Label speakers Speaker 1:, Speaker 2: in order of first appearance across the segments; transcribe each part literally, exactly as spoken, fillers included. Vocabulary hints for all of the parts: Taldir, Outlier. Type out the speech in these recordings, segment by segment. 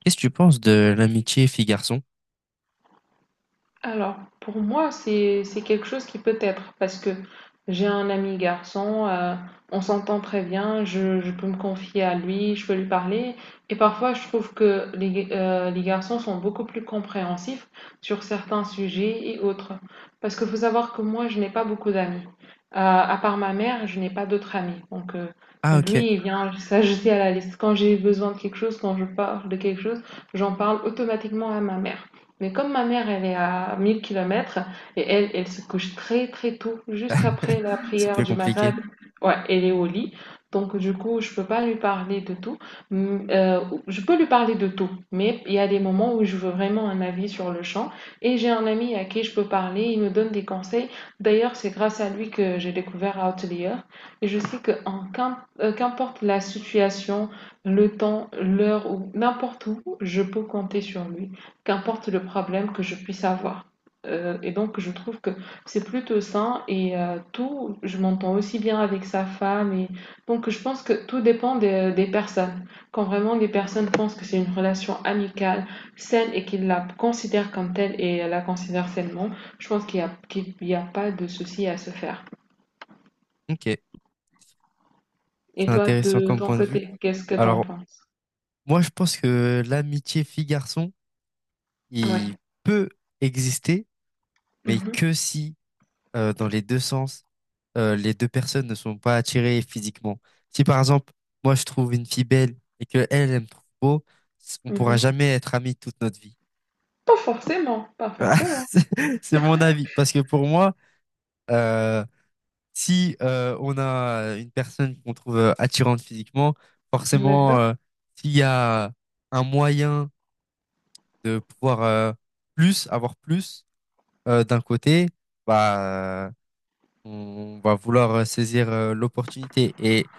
Speaker 1: Qu'est-ce que tu penses de l'amitié fille-garçon?
Speaker 2: Alors, pour moi, c'est c'est quelque chose qui peut être parce que j'ai un ami garçon, euh, on s'entend très bien, je, je peux me confier à lui, je peux lui parler. Et parfois, je trouve que les, euh, les garçons sont beaucoup plus compréhensifs sur certains sujets et autres. Parce qu'il faut savoir que moi, je n'ai pas beaucoup d'amis. Euh, à part ma mère, je n'ai pas d'autres amis. Donc, euh,
Speaker 1: Ah, ok.
Speaker 2: lui, il vient s'ajouter à la liste. Quand j'ai besoin de quelque chose, quand je parle de quelque chose, j'en parle automatiquement à ma mère. Mais comme ma mère, elle est à mille kilomètres et elle, elle se couche très très tôt, juste après la
Speaker 1: C'est
Speaker 2: prière
Speaker 1: peu
Speaker 2: du Maghreb,
Speaker 1: compliqué.
Speaker 2: ouais, elle est au lit. Donc du coup, je peux pas lui parler de tout. Mm, euh, je peux lui parler de tout, mais il y a des moments où je veux vraiment un avis sur le champ. Et j'ai un ami à qui je peux parler, il me donne des conseils. D'ailleurs, c'est grâce à lui que j'ai découvert Outlier. Et je sais que en qu'im- euh, qu'importe la situation, le temps, l'heure ou n'importe où, je peux compter sur lui qu'importe le problème que je puisse avoir. Euh, et donc, je trouve que c'est plutôt sain et euh, tout, je m'entends aussi bien avec sa femme. Et... Donc, je pense que tout dépend des, des personnes. Quand vraiment les personnes pensent que c'est une relation amicale, saine et qu'ils la considèrent comme telle et la considèrent sainement, je pense qu'il n'y a, qu'il y a pas de souci à se faire.
Speaker 1: Ok.
Speaker 2: Et
Speaker 1: C'est
Speaker 2: toi,
Speaker 1: intéressant
Speaker 2: de
Speaker 1: comme
Speaker 2: ton
Speaker 1: point de vue.
Speaker 2: côté, qu'est-ce que t'en
Speaker 1: Alors,
Speaker 2: penses?
Speaker 1: moi, je pense que l'amitié fille-garçon, il
Speaker 2: Ouais.
Speaker 1: peut exister, mais
Speaker 2: Mhm,
Speaker 1: que si, euh, dans les deux sens, euh, les deux personnes ne sont pas attirées physiquement. Si, par exemple, moi, je trouve une fille belle et que elle, elle me trouve beau, c- on pourra
Speaker 2: mhm.
Speaker 1: jamais être amis toute notre vie.
Speaker 2: Pas forcément, pas forcément.
Speaker 1: C'est c'est mon avis. Parce que pour moi, euh, si euh, on a une personne qu'on trouve euh, attirante physiquement, forcément,
Speaker 2: D'accord.
Speaker 1: euh, s'il y a un moyen de pouvoir euh, plus, avoir plus euh, d'un côté, bah, on va vouloir euh, saisir euh, l'opportunité. Et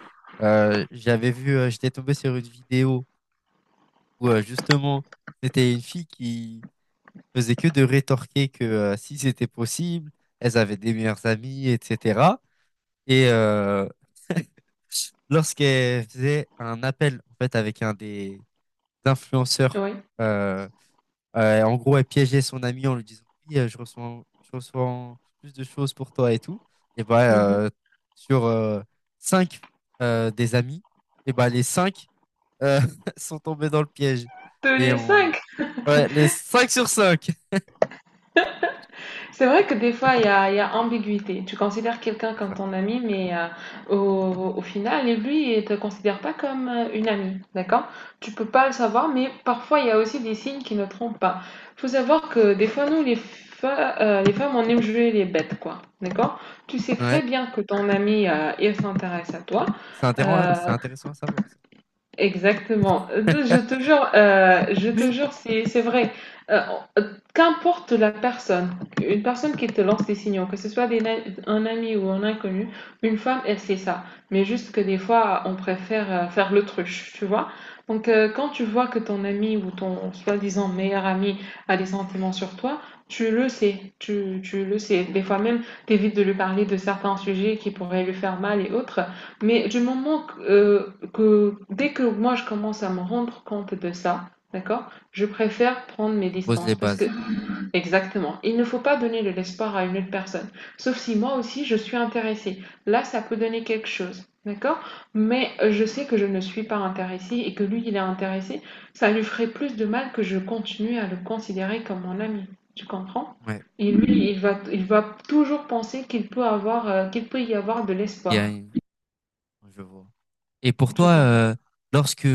Speaker 1: euh, j'avais vu, euh, j'étais tombé sur une vidéo où euh, justement, c'était une fille qui faisait que de rétorquer que euh, si c'était possible, elles avaient des meilleurs amis, et cetera. Et, euh, lorsqu'elle faisait un appel en fait avec un des influenceurs,
Speaker 2: Oui.
Speaker 1: euh, euh, en gros, elle piégeait son ami en lui disant oui, euh, je reçois, je reçois plus de choses pour toi et tout. Et bah
Speaker 2: Mhm.
Speaker 1: euh, sur euh, cinq euh, des amis, et bah les cinq euh, sont tombés dans le piège
Speaker 2: Tous
Speaker 1: et
Speaker 2: les
Speaker 1: on
Speaker 2: cinq.
Speaker 1: ouais les cinq sur cinq.
Speaker 2: C'est vrai que des fois, il y a, il y a ambiguïté. Tu considères quelqu'un
Speaker 1: C'est
Speaker 2: comme
Speaker 1: ça.
Speaker 2: ton ami, mais euh, au, au final, lui, il te considère pas comme euh, une amie, d'accord? Tu peux pas le savoir, mais parfois, il y a aussi des signes qui ne trompent pas. Faut savoir que des fois, nous, les, fe- euh, les femmes, on aime jouer les bêtes, quoi, d'accord? Tu sais très
Speaker 1: Ouais,
Speaker 2: bien que ton ami, euh, il s'intéresse à toi.
Speaker 1: c'est intéressant, c'est
Speaker 2: euh,
Speaker 1: intéressant à savoir ça.
Speaker 2: Exactement. Euh, Je te jure, euh, je te jure, c'est c'est vrai. Euh, euh, qu'importe la personne, une personne qui te lance des signaux, que ce soit des na- un ami ou un inconnu, une femme, elle sait ça. Mais juste que des fois, on préfère euh, faire l'autruche, tu vois. Donc, euh, quand tu vois que ton ami ou ton soi-disant meilleur ami a des sentiments sur toi, tu le sais, tu, tu le sais. Des fois même, t'évites de lui parler de certains sujets qui pourraient lui faire mal et autres. Mais du moment que, euh, que dès que moi je commence à me rendre compte de ça, d'accord, je préfère prendre mes
Speaker 1: Tu poses les
Speaker 2: distances parce que
Speaker 1: bases.
Speaker 2: exactement, il ne faut pas donner de l'espoir à une autre personne, sauf si moi aussi je suis intéressée. Là, ça peut donner quelque chose, d'accord? Mais euh, je sais que je ne suis pas intéressée et que lui, il est intéressé. Ça lui ferait plus de mal que je continue à le considérer comme mon ami. Tu comprends?
Speaker 1: Ouais,
Speaker 2: Et lui, il va, il va toujours penser qu'il peut avoir, euh, qu'il peut y avoir de
Speaker 1: il y a
Speaker 2: l'espoir.
Speaker 1: une- Je vois. Et pour toi,
Speaker 2: Tu comprends?
Speaker 1: euh, lorsque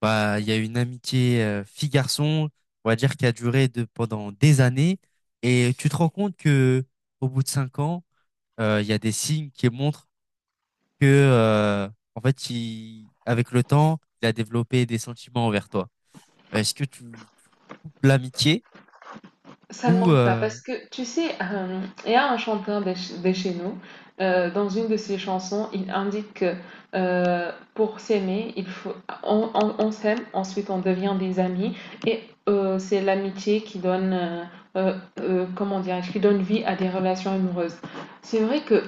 Speaker 1: bah il y a une amitié euh, fille-garçon, on va dire qui a duré de, pendant des années, et tu te rends compte que au bout de cinq ans, euh, il y a des signes qui montrent que euh, en fait, il, avec le temps, il a développé des sentiments envers toi. Est-ce que tu, tu coupes l'amitié
Speaker 2: Ça ne
Speaker 1: ou
Speaker 2: manque pas
Speaker 1: euh,
Speaker 2: parce que tu sais, euh, il y a un chanteur de, ch- de chez nous, euh, dans une de ses chansons, il indique que euh, pour s'aimer, il faut, on, on- on s'aime, ensuite on devient des amis et euh, c'est l'amitié qui donne, euh, euh, euh, comment dirais-je, qui donne vie à des relations amoureuses. C'est vrai que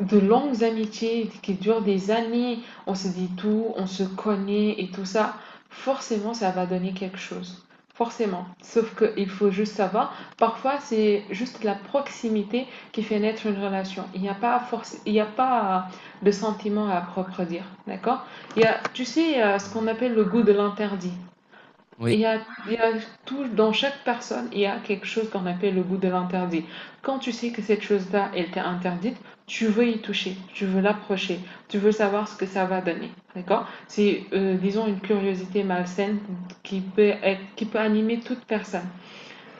Speaker 2: de longues amitiés qui durent des années, on se dit tout, on se connaît et tout ça, forcément ça va donner quelque chose. Forcément. Sauf qu'il faut juste savoir. Parfois, c'est juste la proximité qui fait naître une relation. Il n'y a pas force, il n'y a pas euh, de sentiment à propre dire, d'accord. Il y a, tu sais, il y a ce qu'on
Speaker 1: Hmm.
Speaker 2: appelle le goût de l'interdit.
Speaker 1: Oui,
Speaker 2: Il y, a, il y a tout dans chaque personne, il y a quelque chose qu'on appelle le goût de l'interdit. Quand tu sais que cette chose-là, elle t'est interdite, tu veux y toucher, tu veux l'approcher, tu veux savoir ce que ça va donner, d'accord. C'est, euh, disons, une curiosité malsaine qui peut, être- qui peut animer toute personne.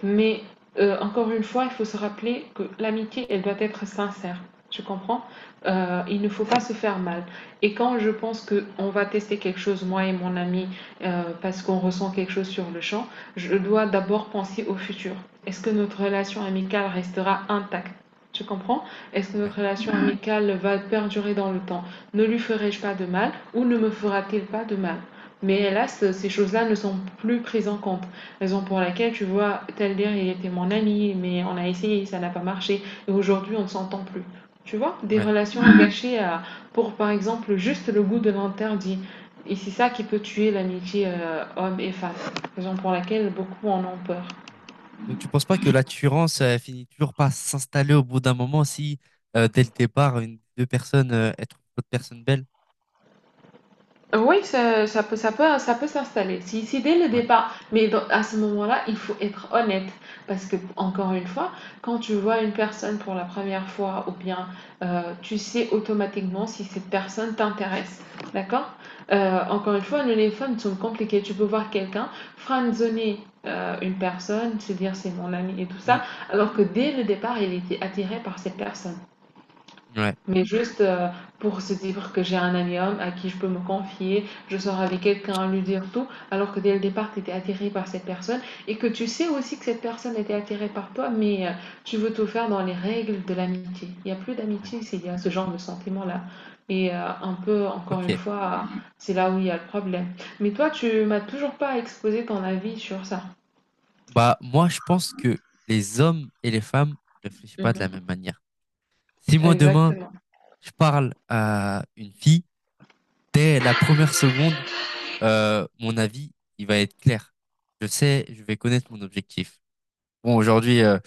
Speaker 2: Mais euh, encore une fois, il faut se rappeler que l'amitié, elle doit être sincère. Tu comprends? Euh, Il ne faut pas se faire mal. Et quand je pense que on va tester quelque chose, moi et mon ami, euh, parce qu'on ressent quelque chose sur le champ, je dois d'abord penser au futur. Est-ce que notre relation amicale restera intacte? Tu comprends? Est-ce que
Speaker 1: ouais,
Speaker 2: notre relation amicale va perdurer dans le temps? Ne lui ferai-je pas de mal ou ne me fera-t-il pas de mal? Mais hélas, ces choses-là ne sont plus prises en compte. Raison pour laquelle, tu vois, Taldir, il était mon ami, mais on a essayé, ça n'a pas marché. Et aujourd'hui, on ne s'entend plus. Tu vois, des
Speaker 1: ouais.
Speaker 2: relations gâchées à- pour, par exemple, juste le goût de l'interdit. Et c'est ça qui peut tuer l'amitié euh, homme et femme. Raison pour laquelle beaucoup en ont peur.
Speaker 1: Ouais. Donc tu penses pas que la Turance euh, finit toujours par s'installer au bout d'un moment si euh, dès le départ une deux personnes euh, elles trouvent d'autres personnes belles?
Speaker 2: Oui, ça, ça peut, ça peut, ça peut s'installer. Si, si dès le
Speaker 1: Ouais.
Speaker 2: départ, mais dans- à ce moment-là, il faut être honnête. Parce que, encore une fois, quand tu vois une personne pour la première fois, ou bien euh, tu sais automatiquement si cette personne t'intéresse. D'accord? Euh, encore une fois, nous, les femmes sont compliquées. Tu peux voir quelqu'un franzonner euh, une personne, se dire c'est mon ami et tout
Speaker 1: Mm.
Speaker 2: ça, alors que dès le départ, il était attiré par cette personne.
Speaker 1: Ouais.
Speaker 2: Mais juste euh, pour se dire que j'ai un ami homme à qui je peux me confier, je sors avec quelqu'un, lui dire tout, alors que dès le départ, tu étais attiré par cette personne et que tu sais aussi que cette personne était attirée par toi, mais euh, tu veux tout faire dans les règles de l'amitié. Il n'y a plus
Speaker 1: Ouais.
Speaker 2: d'amitié s'il y a ce genre de sentiment-là. Et euh, un peu, encore une
Speaker 1: Ok.
Speaker 2: fois, c'est là où il y a le problème. Mais toi, tu m'as toujours pas exposé ton avis sur ça.
Speaker 1: Bah moi je pense que les hommes et les femmes réfléchissent pas de la
Speaker 2: Mhm.
Speaker 1: même manière. Si moi demain
Speaker 2: Exactement.
Speaker 1: je parle à une fille dès la première seconde, euh, mon avis il va être clair. Je sais, je vais connaître mon objectif. Bon aujourd'hui euh,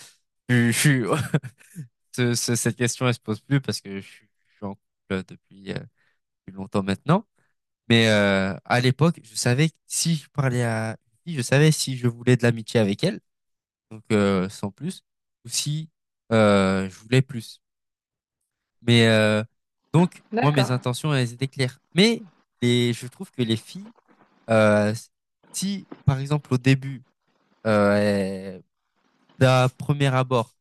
Speaker 1: je je suis ce- ce- cette question, elle se pose plus parce que je suis, je suis en couple euh, depuis euh, depuis longtemps maintenant. Mais euh, à l'époque, je savais que si je parlais à une fille, je savais si je voulais de l'amitié avec elle, donc euh, sans plus, ou si euh, je voulais plus. Mais euh, donc, moi, mes
Speaker 2: D'accord.
Speaker 1: intentions, elles étaient claires. Mais les, je trouve que les filles, euh, si, par exemple, au début, euh, elles- d'un premier abord,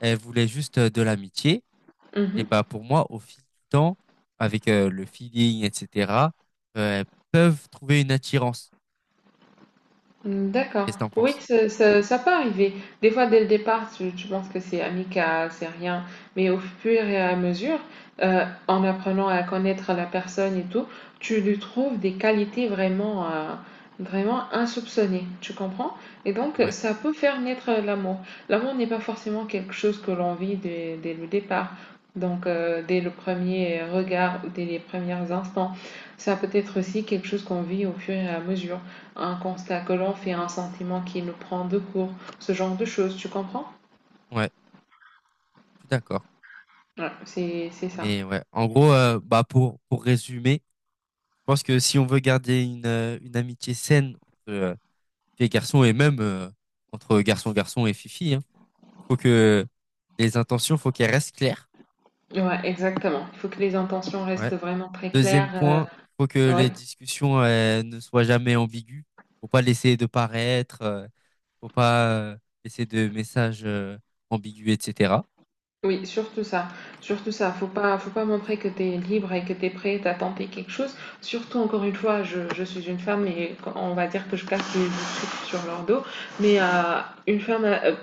Speaker 1: elles voulaient juste euh, de l'amitié, et
Speaker 2: Mhm.
Speaker 1: bah pour moi, au fil du temps, avec euh, le feeling, et cetera, euh, elles peuvent trouver une attirance.
Speaker 2: Mm, d'accord.
Speaker 1: Qu'est-ce que t'en
Speaker 2: Oui,
Speaker 1: penses?
Speaker 2: ça, ça, ça peut arriver. Des fois, dès le départ, tu, tu penses que c'est amical, c'est rien. Mais au fur et à mesure, euh, en apprenant à connaître la personne et tout, tu lui trouves des qualités vraiment, euh, vraiment insoupçonnées. Tu comprends? Et donc,
Speaker 1: Ouais,
Speaker 2: ça peut faire naître l'amour. L'amour n'est pas forcément quelque chose que l'on vit dès, dès le départ. Donc, euh, dès le premier regard ou dès les premiers instants. Ça peut être aussi quelque chose qu'on vit au fur et à mesure, un constat que l'on fait, un sentiment qui nous prend de court, ce genre de choses, tu comprends?
Speaker 1: ouais, je suis d'accord.
Speaker 2: Ouais, c'est c'est ça.
Speaker 1: Mais ouais, en gros, euh, bah pour pour résumer, je pense que si on veut garder une euh, une amitié saine entre euh, filles et garçons et même euh, entre garçon garçon et fifi, hein, faut que les intentions, faut qu'elles restent claires.
Speaker 2: Ouais, exactement. Il faut que les intentions
Speaker 1: Ouais.
Speaker 2: restent vraiment très
Speaker 1: Deuxième
Speaker 2: claires.
Speaker 1: point, faut que
Speaker 2: euh, ouais,
Speaker 1: les discussions euh, ne soient jamais ambiguës. Faut pas laisser de paraître, euh, faut pas euh, laisser de messages euh, ambigus, et cetera.
Speaker 2: Oui, surtout ça, surtout ça. Faut pas, faut pas montrer que tu es libre et que tu es prête à tenter quelque chose. Surtout, encore une fois, je, je suis une femme et on va dire que je casse les trucs sur leur dos. Mais euh, une femme, euh,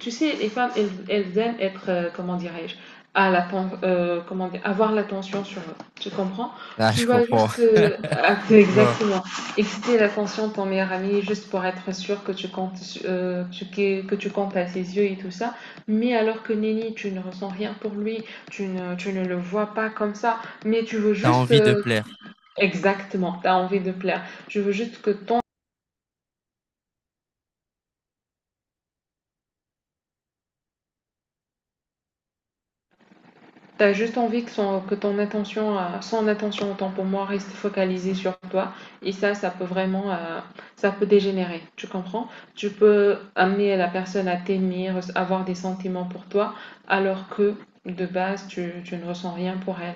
Speaker 2: tu sais, les femmes, elles, elles aiment être, euh, comment dirais-je, à la, pen- euh, comment dire, avoir l'attention sur eux. Tu comprends?
Speaker 1: Ah,
Speaker 2: Tu
Speaker 1: je
Speaker 2: vas
Speaker 1: comprends.
Speaker 2: juste euh, acter-
Speaker 1: Je vois.
Speaker 2: exactement exciter l'attention de ton meilleur ami juste pour être sûr que tu comptes, su- euh, tu- que, que tu comptes à ses yeux et tout ça. Mais alors que Nelly, tu ne ressens rien pour lui, tu ne, tu ne le vois pas comme ça, mais tu veux
Speaker 1: T'as
Speaker 2: juste...
Speaker 1: envie de
Speaker 2: euh,
Speaker 1: plaire.
Speaker 2: Exactement, tu as envie de plaire. Tu veux juste que ton... T'as juste envie que, son, que ton attention, euh, son attention autant pour moi reste focalisée sur toi. Et ça, ça peut vraiment, euh, ça peut dégénérer. Tu comprends? Tu peux amener la personne à t'aimer, avoir des sentiments pour toi, alors que de base, tu, tu ne ressens rien pour elle.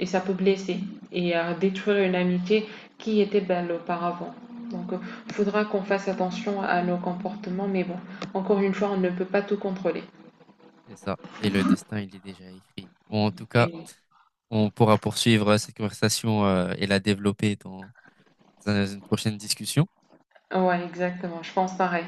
Speaker 2: Et ça peut
Speaker 1: Ouais,
Speaker 2: blesser et euh, détruire une amitié qui était belle auparavant. Donc il euh, faudra qu'on fasse attention à nos comportements, mais bon, encore une fois, on ne peut pas tout contrôler.
Speaker 1: c'est ça. Et le destin, il est déjà écrit. Bon, en tout cas,
Speaker 2: Et,
Speaker 1: on pourra poursuivre cette conversation euh, et la développer dans. dans une prochaine discussion.
Speaker 2: ouais, exactement, je pense pareil.